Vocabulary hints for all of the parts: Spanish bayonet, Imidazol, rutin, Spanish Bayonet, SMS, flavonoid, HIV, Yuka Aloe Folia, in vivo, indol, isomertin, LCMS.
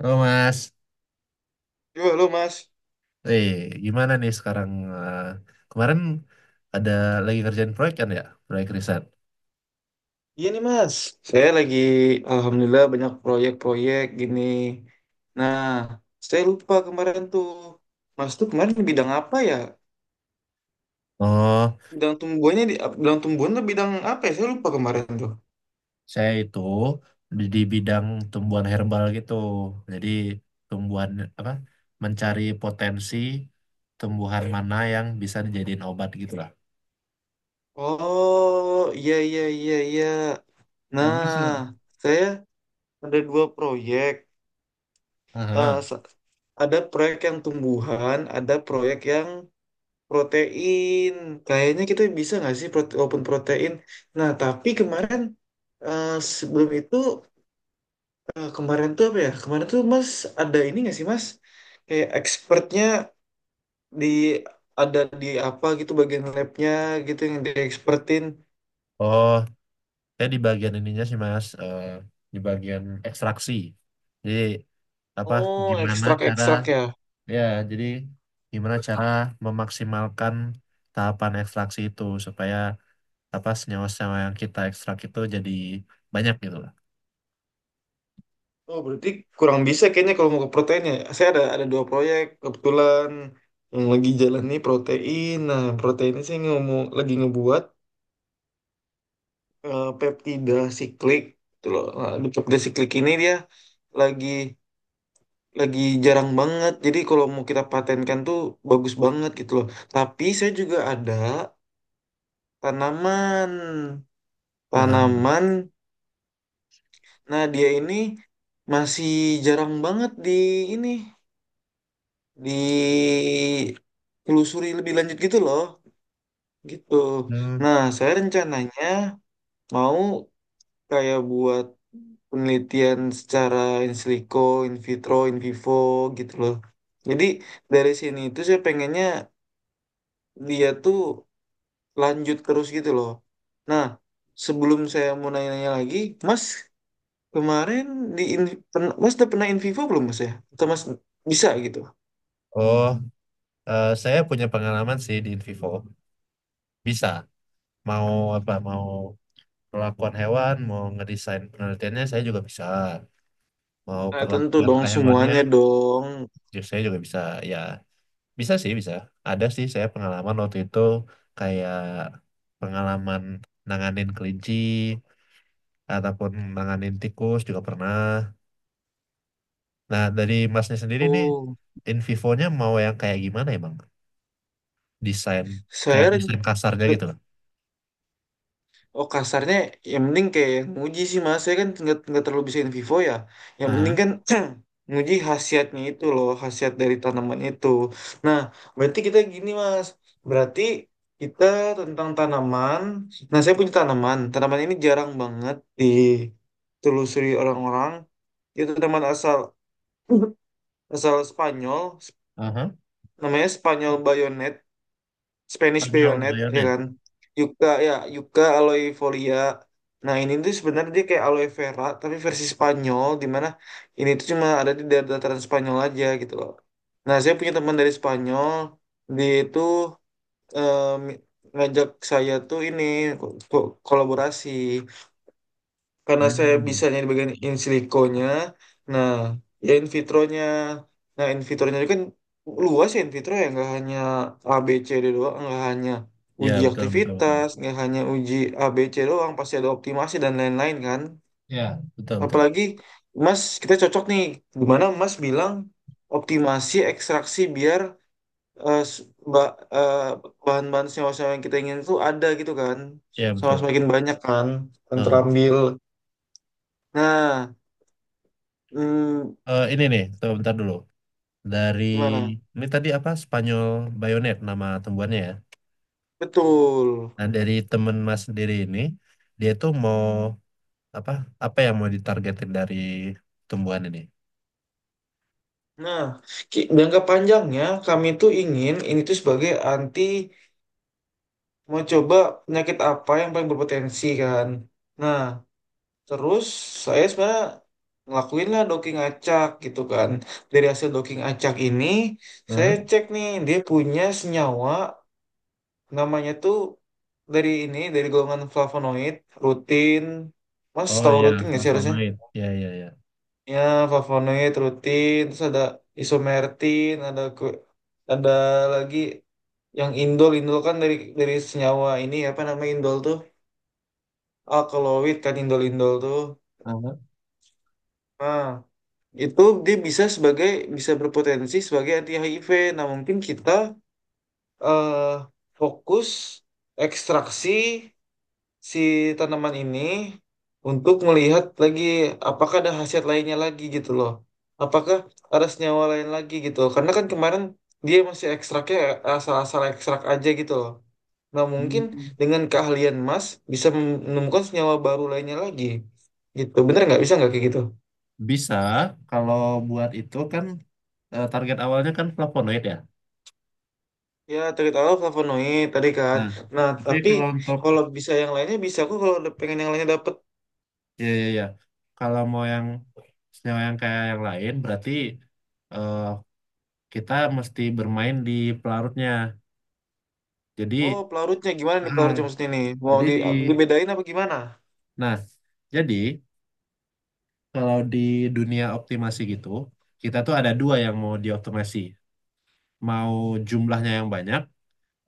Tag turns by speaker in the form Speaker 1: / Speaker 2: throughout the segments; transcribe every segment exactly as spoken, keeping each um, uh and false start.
Speaker 1: Oh Mas,
Speaker 2: Yo, halo Mas.
Speaker 1: eh gimana nih sekarang? eh, Kemarin ada lagi kerjaan proyek kan ya, proyek riset.
Speaker 2: Iya nih Mas, saya lagi alhamdulillah banyak proyek-proyek gini. Nah, saya lupa kemarin tuh, Mas tuh kemarin di bidang apa ya?
Speaker 1: Oh,
Speaker 2: Bidang tumbuhannya di ap- bidang tumbuhan tuh bidang apa ya? Saya lupa kemarin tuh.
Speaker 1: saya itu di, di bidang tumbuhan herbal gitu. Jadi tumbuhan apa? Mencari potensi tumbuhan mana yang bisa dijadiin obat gitu lah.
Speaker 2: Oh, iya iya iya iya.
Speaker 1: Nah,
Speaker 2: Nah,
Speaker 1: Mas, eh,
Speaker 2: saya ada dua proyek. Eh,
Speaker 1: aha.
Speaker 2: sa- ada proyek yang tumbuhan, ada proyek yang protein, kayaknya kita bisa nggak sih prote walaupun protein. Nah, tapi kemarin eh, sebelum itu eh, kemarin tuh apa ya? Kemarin tuh Mas ada ini nggak sih Mas? Kayak expertnya di ada di apa gitu bagian labnya gitu yang di expertin.
Speaker 1: Oh, saya di bagian ininya sih Mas, eh, di bagian ekstraksi. Jadi apa?
Speaker 2: Oh,
Speaker 1: Gimana cara?
Speaker 2: ekstrak-ekstrak ya.
Speaker 1: Ya, jadi gimana cara memaksimalkan tahapan ekstraksi itu supaya apa senyawa-senyawa yang kita ekstrak itu jadi banyak gitu lah.
Speaker 2: Oh, berarti kurang bisa kayaknya kalau mau ke protein ya. Saya ada ada dua proyek kebetulan yang lagi jalan nih protein. Nah, proteinnya saya ngomong lagi ngebuat eh, peptida siklik gitu loh. Nah, di peptida siklik ini dia lagi lagi jarang banget. Jadi kalau mau kita patenkan tuh bagus banget gitu loh. Tapi saya juga ada tanaman.
Speaker 1: Aha.
Speaker 2: Tanaman. Nah, dia ini masih jarang banget di ini ditelusuri lebih lanjut gitu loh. Gitu.
Speaker 1: Hmm.
Speaker 2: Nah, saya rencananya mau kayak buat penelitian secara in silico, in vitro, in vivo gitu loh. Jadi dari sini itu saya pengennya dia tuh lanjut terus gitu loh. Nah, sebelum saya mau nanya-nanya lagi, Mas kemarin di in- pen- Mas udah pernah in vivo belum Mas ya? Atau Mas bisa gitu?
Speaker 1: Oh, eh, saya punya pengalaman sih di Invivo. Bisa. Mau apa? Mau perlakuan hewan, mau ngedesain penelitiannya saya juga bisa. Mau
Speaker 2: Ah, tentu
Speaker 1: perlakuan
Speaker 2: dong
Speaker 1: ke hewannya,
Speaker 2: semuanya dong.
Speaker 1: ju- saya juga bisa. Ya, bisa sih bisa. Ada sih saya pengalaman waktu itu kayak pengalaman nanganin kelinci ataupun nanganin tikus juga pernah. Nah, dari masnya sendiri nih,
Speaker 2: Oh,
Speaker 1: in vivo-nya mau yang kayak gimana ya, Bang? Desain, kayak
Speaker 2: saya ren-.
Speaker 1: desain kasarnya gitu loh.
Speaker 2: Oh, kasarnya yang penting kayak nguji sih mas, saya kan nggak nggak terlalu bisa in vivo ya, yang penting
Speaker 1: Aha,
Speaker 2: kan nguji khasiatnya itu loh, khasiat dari tanaman itu. Nah, berarti kita gini mas, berarti kita tentang tanaman. Nah, saya punya tanaman tanaman ini jarang banget ditelusuri orang-orang. Itu tanaman asal asal Spanyol,
Speaker 1: aha.
Speaker 2: namanya Spanyol Bayonet, Spanish
Speaker 1: Spanyol
Speaker 2: Bayonet ya
Speaker 1: bayonet.
Speaker 2: kan, Yuka ya Yuka Aloe Folia. Nah, ini tuh sebenarnya dia kayak aloe vera tapi versi Spanyol, dimana ini tuh cuma ada di daerah dataran Spanyol aja gitu loh. Nah, saya punya teman dari Spanyol. Dia itu em, ngajak saya tuh ini ko- ko- kolaborasi karena saya
Speaker 1: Hmm.
Speaker 2: bisanya di bagian in siliconya. Nah, ya in vitronya. Nah, in vitronya itu kan luas ya, in vitro ya, nggak hanya A B C D doang, nggak hanya
Speaker 1: Ya,
Speaker 2: uji
Speaker 1: betul, betul, betul.
Speaker 2: aktivitas, nggak hanya uji A B C doang, pasti ada optimasi dan lain-lain kan.
Speaker 1: Ya, betul, betul.
Speaker 2: Apalagi Mas, kita cocok nih. Gimana Mas bilang optimasi ekstraksi biar eh, s- ba- eh, bahan-bahan senyawa-senyawa yang kita ingin itu ada gitu kan,
Speaker 1: Ya,
Speaker 2: sama
Speaker 1: betul.
Speaker 2: semakin banyak kan yang
Speaker 1: Aha.
Speaker 2: terambil. Nah, Hmm,
Speaker 1: Eh, ini nih, tuh, bentar dulu. Dari,
Speaker 2: gimana?
Speaker 1: ini tadi apa, Spanyol bayonet nama tumbuhannya ya.
Speaker 2: Betul.
Speaker 1: Nah, dari temen mas sendiri ini, dia tuh mau, apa, apa yang mau ditargetin dari tumbuhan ini?
Speaker 2: Nah, ki- jangka panjangnya kami tuh ingin ini tuh sebagai anti, mau coba penyakit apa yang paling berpotensi kan. Nah, terus saya sebenarnya ngelakuin lah docking acak gitu kan. Dari hasil docking acak ini, saya
Speaker 1: Aha.
Speaker 2: cek nih dia punya senyawa namanya tuh dari ini dari golongan flavonoid rutin. Mas
Speaker 1: Oh
Speaker 2: tahu
Speaker 1: ya,
Speaker 2: rutin nggak sih harusnya?
Speaker 1: flavanoid. Ya ya ya.
Speaker 2: Ya, flavonoid, rutin, terus ada isomertin, ada ku- ada lagi yang indol, indol kan dari dari senyawa ini apa namanya indol tuh alkaloid kan indol indol tuh.
Speaker 1: Uh,
Speaker 2: Nah, itu dia bisa sebagai bisa berpotensi sebagai anti H I V. Nah, mungkin kita eh fokus ekstraksi si tanaman ini untuk melihat lagi apakah ada khasiat lainnya lagi gitu loh. Apakah ada senyawa lain lagi gitu loh. Karena kan kemarin dia masih ekstraknya asal-asal ekstrak aja gitu loh. Nah, mungkin
Speaker 1: hmm.
Speaker 2: dengan keahlian Mas bisa menemukan senyawa baru lainnya lagi. Gitu. Bener nggak? Bisa nggak kayak gitu?
Speaker 1: Bisa, kalau buat itu kan eh, target awalnya kan flavonoid ya.
Speaker 2: Ya, terutama flavonoid tadi kan.
Speaker 1: Nah,
Speaker 2: Nah,
Speaker 1: tapi
Speaker 2: tapi
Speaker 1: kalau untuk
Speaker 2: kalau bisa yang lainnya bisa aku kalau pengen yang lainnya dapet.
Speaker 1: ya ya ya, kalau mau yang senyawa yang kayak yang lain berarti eh, kita mesti bermain di pelarutnya.
Speaker 2: Oh,
Speaker 1: Jadi,
Speaker 2: pelarutnya gimana nih,
Speaker 1: ah,
Speaker 2: pelarutnya maksudnya nih? Mau
Speaker 1: jadi
Speaker 2: di,
Speaker 1: di
Speaker 2: dibedain apa gimana?
Speaker 1: nah, jadi kalau di dunia optimasi gitu, kita tuh ada dua yang mau dioptimasi. Mau jumlahnya yang banyak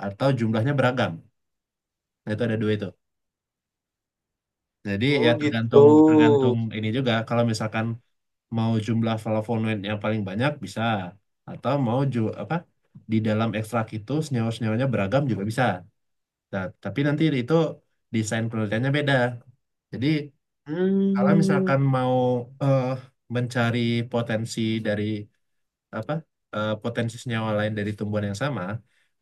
Speaker 1: atau jumlahnya beragam. Nah, itu ada dua itu. Jadi ya
Speaker 2: Oh gitu.
Speaker 1: tergantung tergantung ini juga kalau misalkan mau jumlah flavonoid yang paling banyak bisa atau mau ju apa di dalam ekstrak itu senyawa-senyawanya beragam juga bisa. Nah, tapi nanti itu desain penelitiannya beda. Jadi kalau
Speaker 2: Hmm,
Speaker 1: misalkan mau eh, mencari potensi dari apa eh, potensi senyawa lain dari tumbuhan yang sama,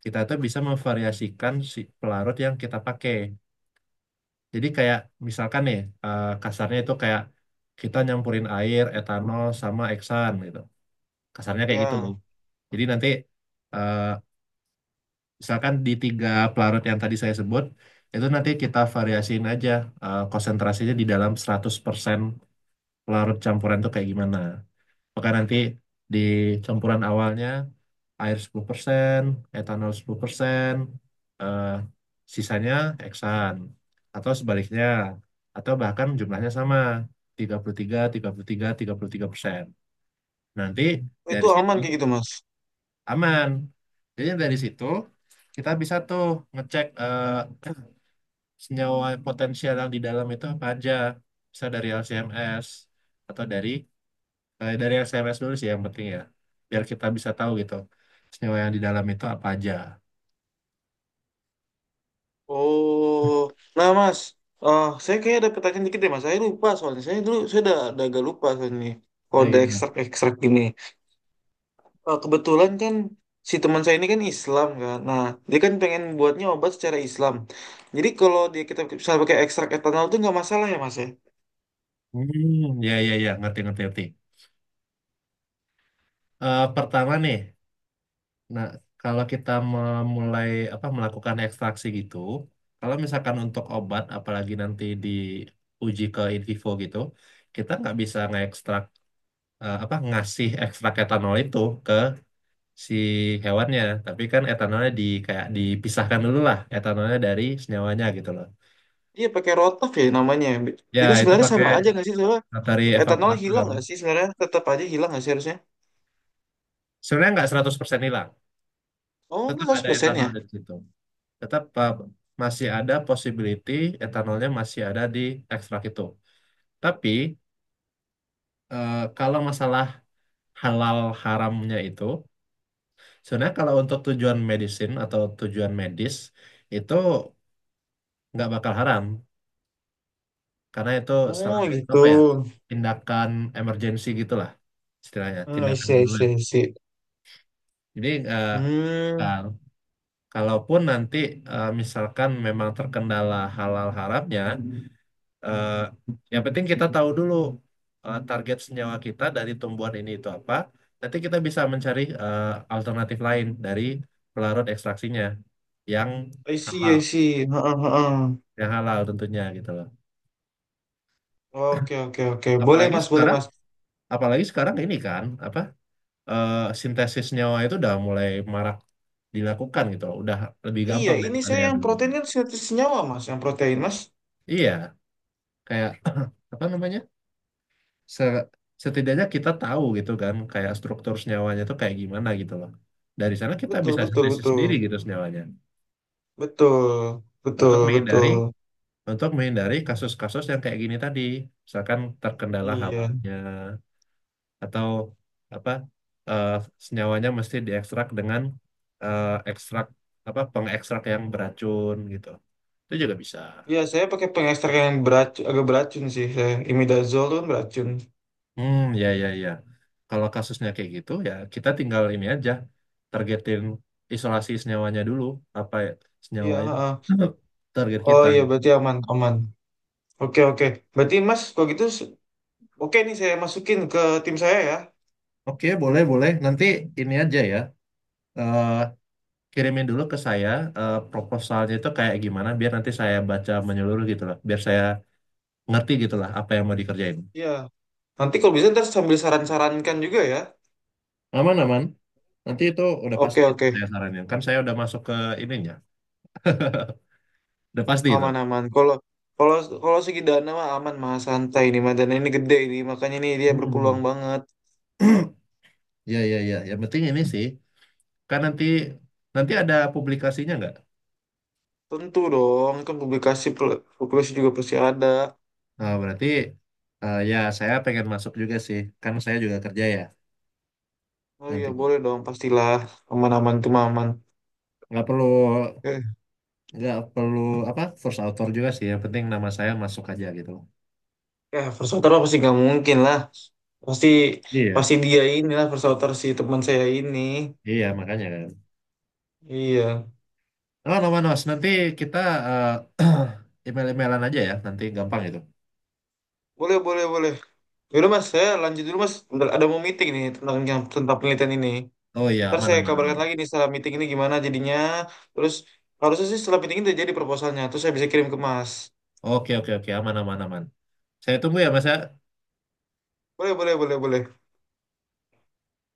Speaker 1: kita tuh bisa memvariasikan si pelarut yang kita pakai. Jadi kayak misalkan nih eh, kasarnya itu kayak kita nyampurin air etanol sama eksan gitu. Kasarnya kayak gitu.
Speaker 2: ya.
Speaker 1: Jadi nanti eh, misalkan di tiga pelarut yang tadi saya sebut itu nanti kita variasiin aja eh, konsentrasinya di dalam seratus persen pelarut campuran itu kayak gimana. Maka nanti di campuran awalnya air sepuluh persen, etanol sepuluh persen, eh, sisanya heksan. Atau sebaliknya. Atau bahkan jumlahnya sama, tiga puluh tiga, tiga puluh tiga, tiga puluh tiga persen. Nanti
Speaker 2: Itu
Speaker 1: dari situ
Speaker 2: aman kayak gitu, Mas.
Speaker 1: aman. Jadi dari situ kita bisa tuh ngecek eh, senyawa potensial yang di dalam itu apa aja. Bisa dari L C M S atau dari eh, dari S M S dulu sih yang penting ya, biar kita bisa tahu gitu senyawa yang di dalam itu apa aja.
Speaker 2: Oh, nah Mas, eh saya kayaknya ada pertanyaan dikit deh, Mas. Saya lupa soalnya. Saya dulu, saya udah, udah agak lupa soalnya nih. Kalau
Speaker 1: Ya
Speaker 2: ada
Speaker 1: gimana.
Speaker 2: ekstrak-ekstrak gini. Eh, kebetulan kan si teman saya ini kan Islam kan. Nah, dia kan pengen buatnya obat secara Islam. Jadi kalau dia kita bisa pakai ekstrak etanol itu nggak masalah ya, Mas ya?
Speaker 1: Hmm, ya ya ya, ngerti ngerti ngerti. Eh, pertama nih, nah, kalau kita memulai apa melakukan ekstraksi gitu, kalau misalkan untuk obat apalagi nanti diuji ke in vivo gitu, kita nggak bisa ngekstrak eh, apa ngasih ekstrak etanol itu ke si hewannya, tapi kan etanolnya di kayak dipisahkan dulu lah etanolnya dari senyawanya gitu loh.
Speaker 2: Iya, pakai rotaf ya namanya.
Speaker 1: Ya,
Speaker 2: Ini
Speaker 1: itu
Speaker 2: sebenarnya
Speaker 1: pakai
Speaker 2: sama aja nggak sih? Soalnya
Speaker 1: matahari
Speaker 2: etanol hilang
Speaker 1: evaporator.
Speaker 2: nggak sih sebenarnya? Tetap aja hilang nggak sih harusnya?
Speaker 1: Sebenarnya nggak seratus persen hilang.
Speaker 2: Oh, nggak
Speaker 1: Tetap ada
Speaker 2: seratus persen
Speaker 1: etanol
Speaker 2: ya?
Speaker 1: di situ. Tetap uh, masih ada possibility etanolnya masih ada di ekstrak itu. Tapi uh, kalau masalah halal haramnya itu, sebenarnya kalau untuk tujuan medisin atau tujuan medis itu nggak bakal haram karena itu salah
Speaker 2: Oh,
Speaker 1: satu
Speaker 2: gitu.
Speaker 1: apa ya tindakan emergency gitulah, istilahnya
Speaker 2: Hmm, I
Speaker 1: tindakan
Speaker 2: see, I
Speaker 1: darurat.
Speaker 2: see, I see.
Speaker 1: Jadi
Speaker 2: Hmm,
Speaker 1: uh, kalaupun nanti eh, misalkan memang terkendala halal haramnya, eh, yang penting kita tahu dulu eh, target senyawa kita dari tumbuhan ini itu apa. Nanti kita bisa mencari eh, alternatif lain dari pelarut ekstraksinya yang
Speaker 2: I see,
Speaker 1: halal,
Speaker 2: I see. Heeh, heeh.
Speaker 1: yang halal tentunya gitu loh.
Speaker 2: Oke, oke, oke. Boleh,
Speaker 1: Apalagi
Speaker 2: Mas, boleh,
Speaker 1: sekarang,
Speaker 2: Mas.
Speaker 1: apalagi sekarang ini kan apa eh, sintesis senyawa itu udah mulai marak dilakukan gitu loh. Udah lebih
Speaker 2: Iya,
Speaker 1: gampang
Speaker 2: ini
Speaker 1: daripada
Speaker 2: saya
Speaker 1: yang
Speaker 2: yang protein
Speaker 1: dulunya.
Speaker 2: kan sintesis senyawa, Mas. Yang protein, Mas.
Speaker 1: Iya, kayak apa namanya? se- Setidaknya kita tahu gitu kan kayak struktur senyawanya itu kayak gimana gitu loh. Dari sana kita
Speaker 2: Betul,
Speaker 1: bisa
Speaker 2: betul,
Speaker 1: sintesis
Speaker 2: betul.
Speaker 1: sendiri gitu senyawanya
Speaker 2: Betul, betul,
Speaker 1: untuk menghindari
Speaker 2: betul.
Speaker 1: untuk menghindari kasus-kasus yang kayak gini tadi, misalkan terkendala
Speaker 2: Iya.
Speaker 1: halalnya atau apa eh, senyawanya mesti diekstrak dengan eh, ekstrak apa pengekstrak yang beracun gitu. Itu juga bisa.
Speaker 2: Iya, saya pakai pengekstrak yang beracun, agak beracun sih. Saya. Imidazol tuh kan beracun.
Speaker 1: Hmm, ya, ya, ya. Kalau kasusnya kayak gitu, ya kita tinggal ini aja, targetin isolasi senyawanya dulu, apa ya, senyawa
Speaker 2: Iya,
Speaker 1: yang
Speaker 2: heeh.
Speaker 1: target
Speaker 2: Oh
Speaker 1: kita.
Speaker 2: iya, berarti aman, aman. Oke, oke. Berarti Mas, kalau gitu, s- oke nih saya masukin ke tim saya ya.
Speaker 1: Oke, boleh, boleh. Nanti ini aja ya, eh, kirimin dulu ke saya eh, proposalnya itu kayak gimana, biar nanti saya baca menyeluruh gitu lah, biar saya ngerti gitu lah apa yang mau dikerjain.
Speaker 2: Iya, nanti kalau bisa ntar sambil saran-sarankan juga ya.
Speaker 1: Aman, aman. Nanti itu udah pasti
Speaker 2: Oke oke,
Speaker 1: saya saranin. Kan saya udah masuk ke ininya, udah pasti itu.
Speaker 2: aman aman. Kalau kalau kalau segi dana mah aman mah santai, ini mah dana ini gede, ini makanya ini dia
Speaker 1: Hmm.
Speaker 2: berpeluang banget.
Speaker 1: Ya, ya, ya. Yang penting ini sih. Kan nanti nanti ada publikasinya nggak?
Speaker 2: Tentu dong, kan publikasi publikasi juga pasti ada.
Speaker 1: Nah, berarti eh, ya saya pengen masuk juga sih, kan saya juga kerja ya
Speaker 2: Oh iya
Speaker 1: nantinya.
Speaker 2: boleh dong pastilah, aman aman tuh mah aman.
Speaker 1: Nggak perlu
Speaker 2: Oke.
Speaker 1: nggak perlu apa first author juga sih, yang penting nama saya masuk aja gitu.
Speaker 2: Ya first outer mah pasti nggak mungkin lah. Pasti
Speaker 1: Iya,
Speaker 2: pasti dia inilah first outer si teman saya ini.
Speaker 1: iya makanya kan.
Speaker 2: Iya,
Speaker 1: Oh, no, Manos, nanti kita eh, email-emailan aja ya, nanti gampang itu.
Speaker 2: boleh boleh boleh. Yaudah mas, saya lanjut dulu mas. Bentar, ada mau meeting nih tentang yang tentang penelitian ini.
Speaker 1: Oh iya,
Speaker 2: Ntar
Speaker 1: aman,
Speaker 2: saya
Speaker 1: aman,
Speaker 2: kabarkan
Speaker 1: aman.
Speaker 2: lagi nih setelah meeting ini gimana jadinya. Terus harusnya sih setelah meeting ini udah jadi proposalnya. Terus saya bisa kirim ke mas.
Speaker 1: Oke, oke, oke, aman, aman, aman. Saya tunggu ya, Mas ya.
Speaker 2: Boleh, boleh, boleh, boleh.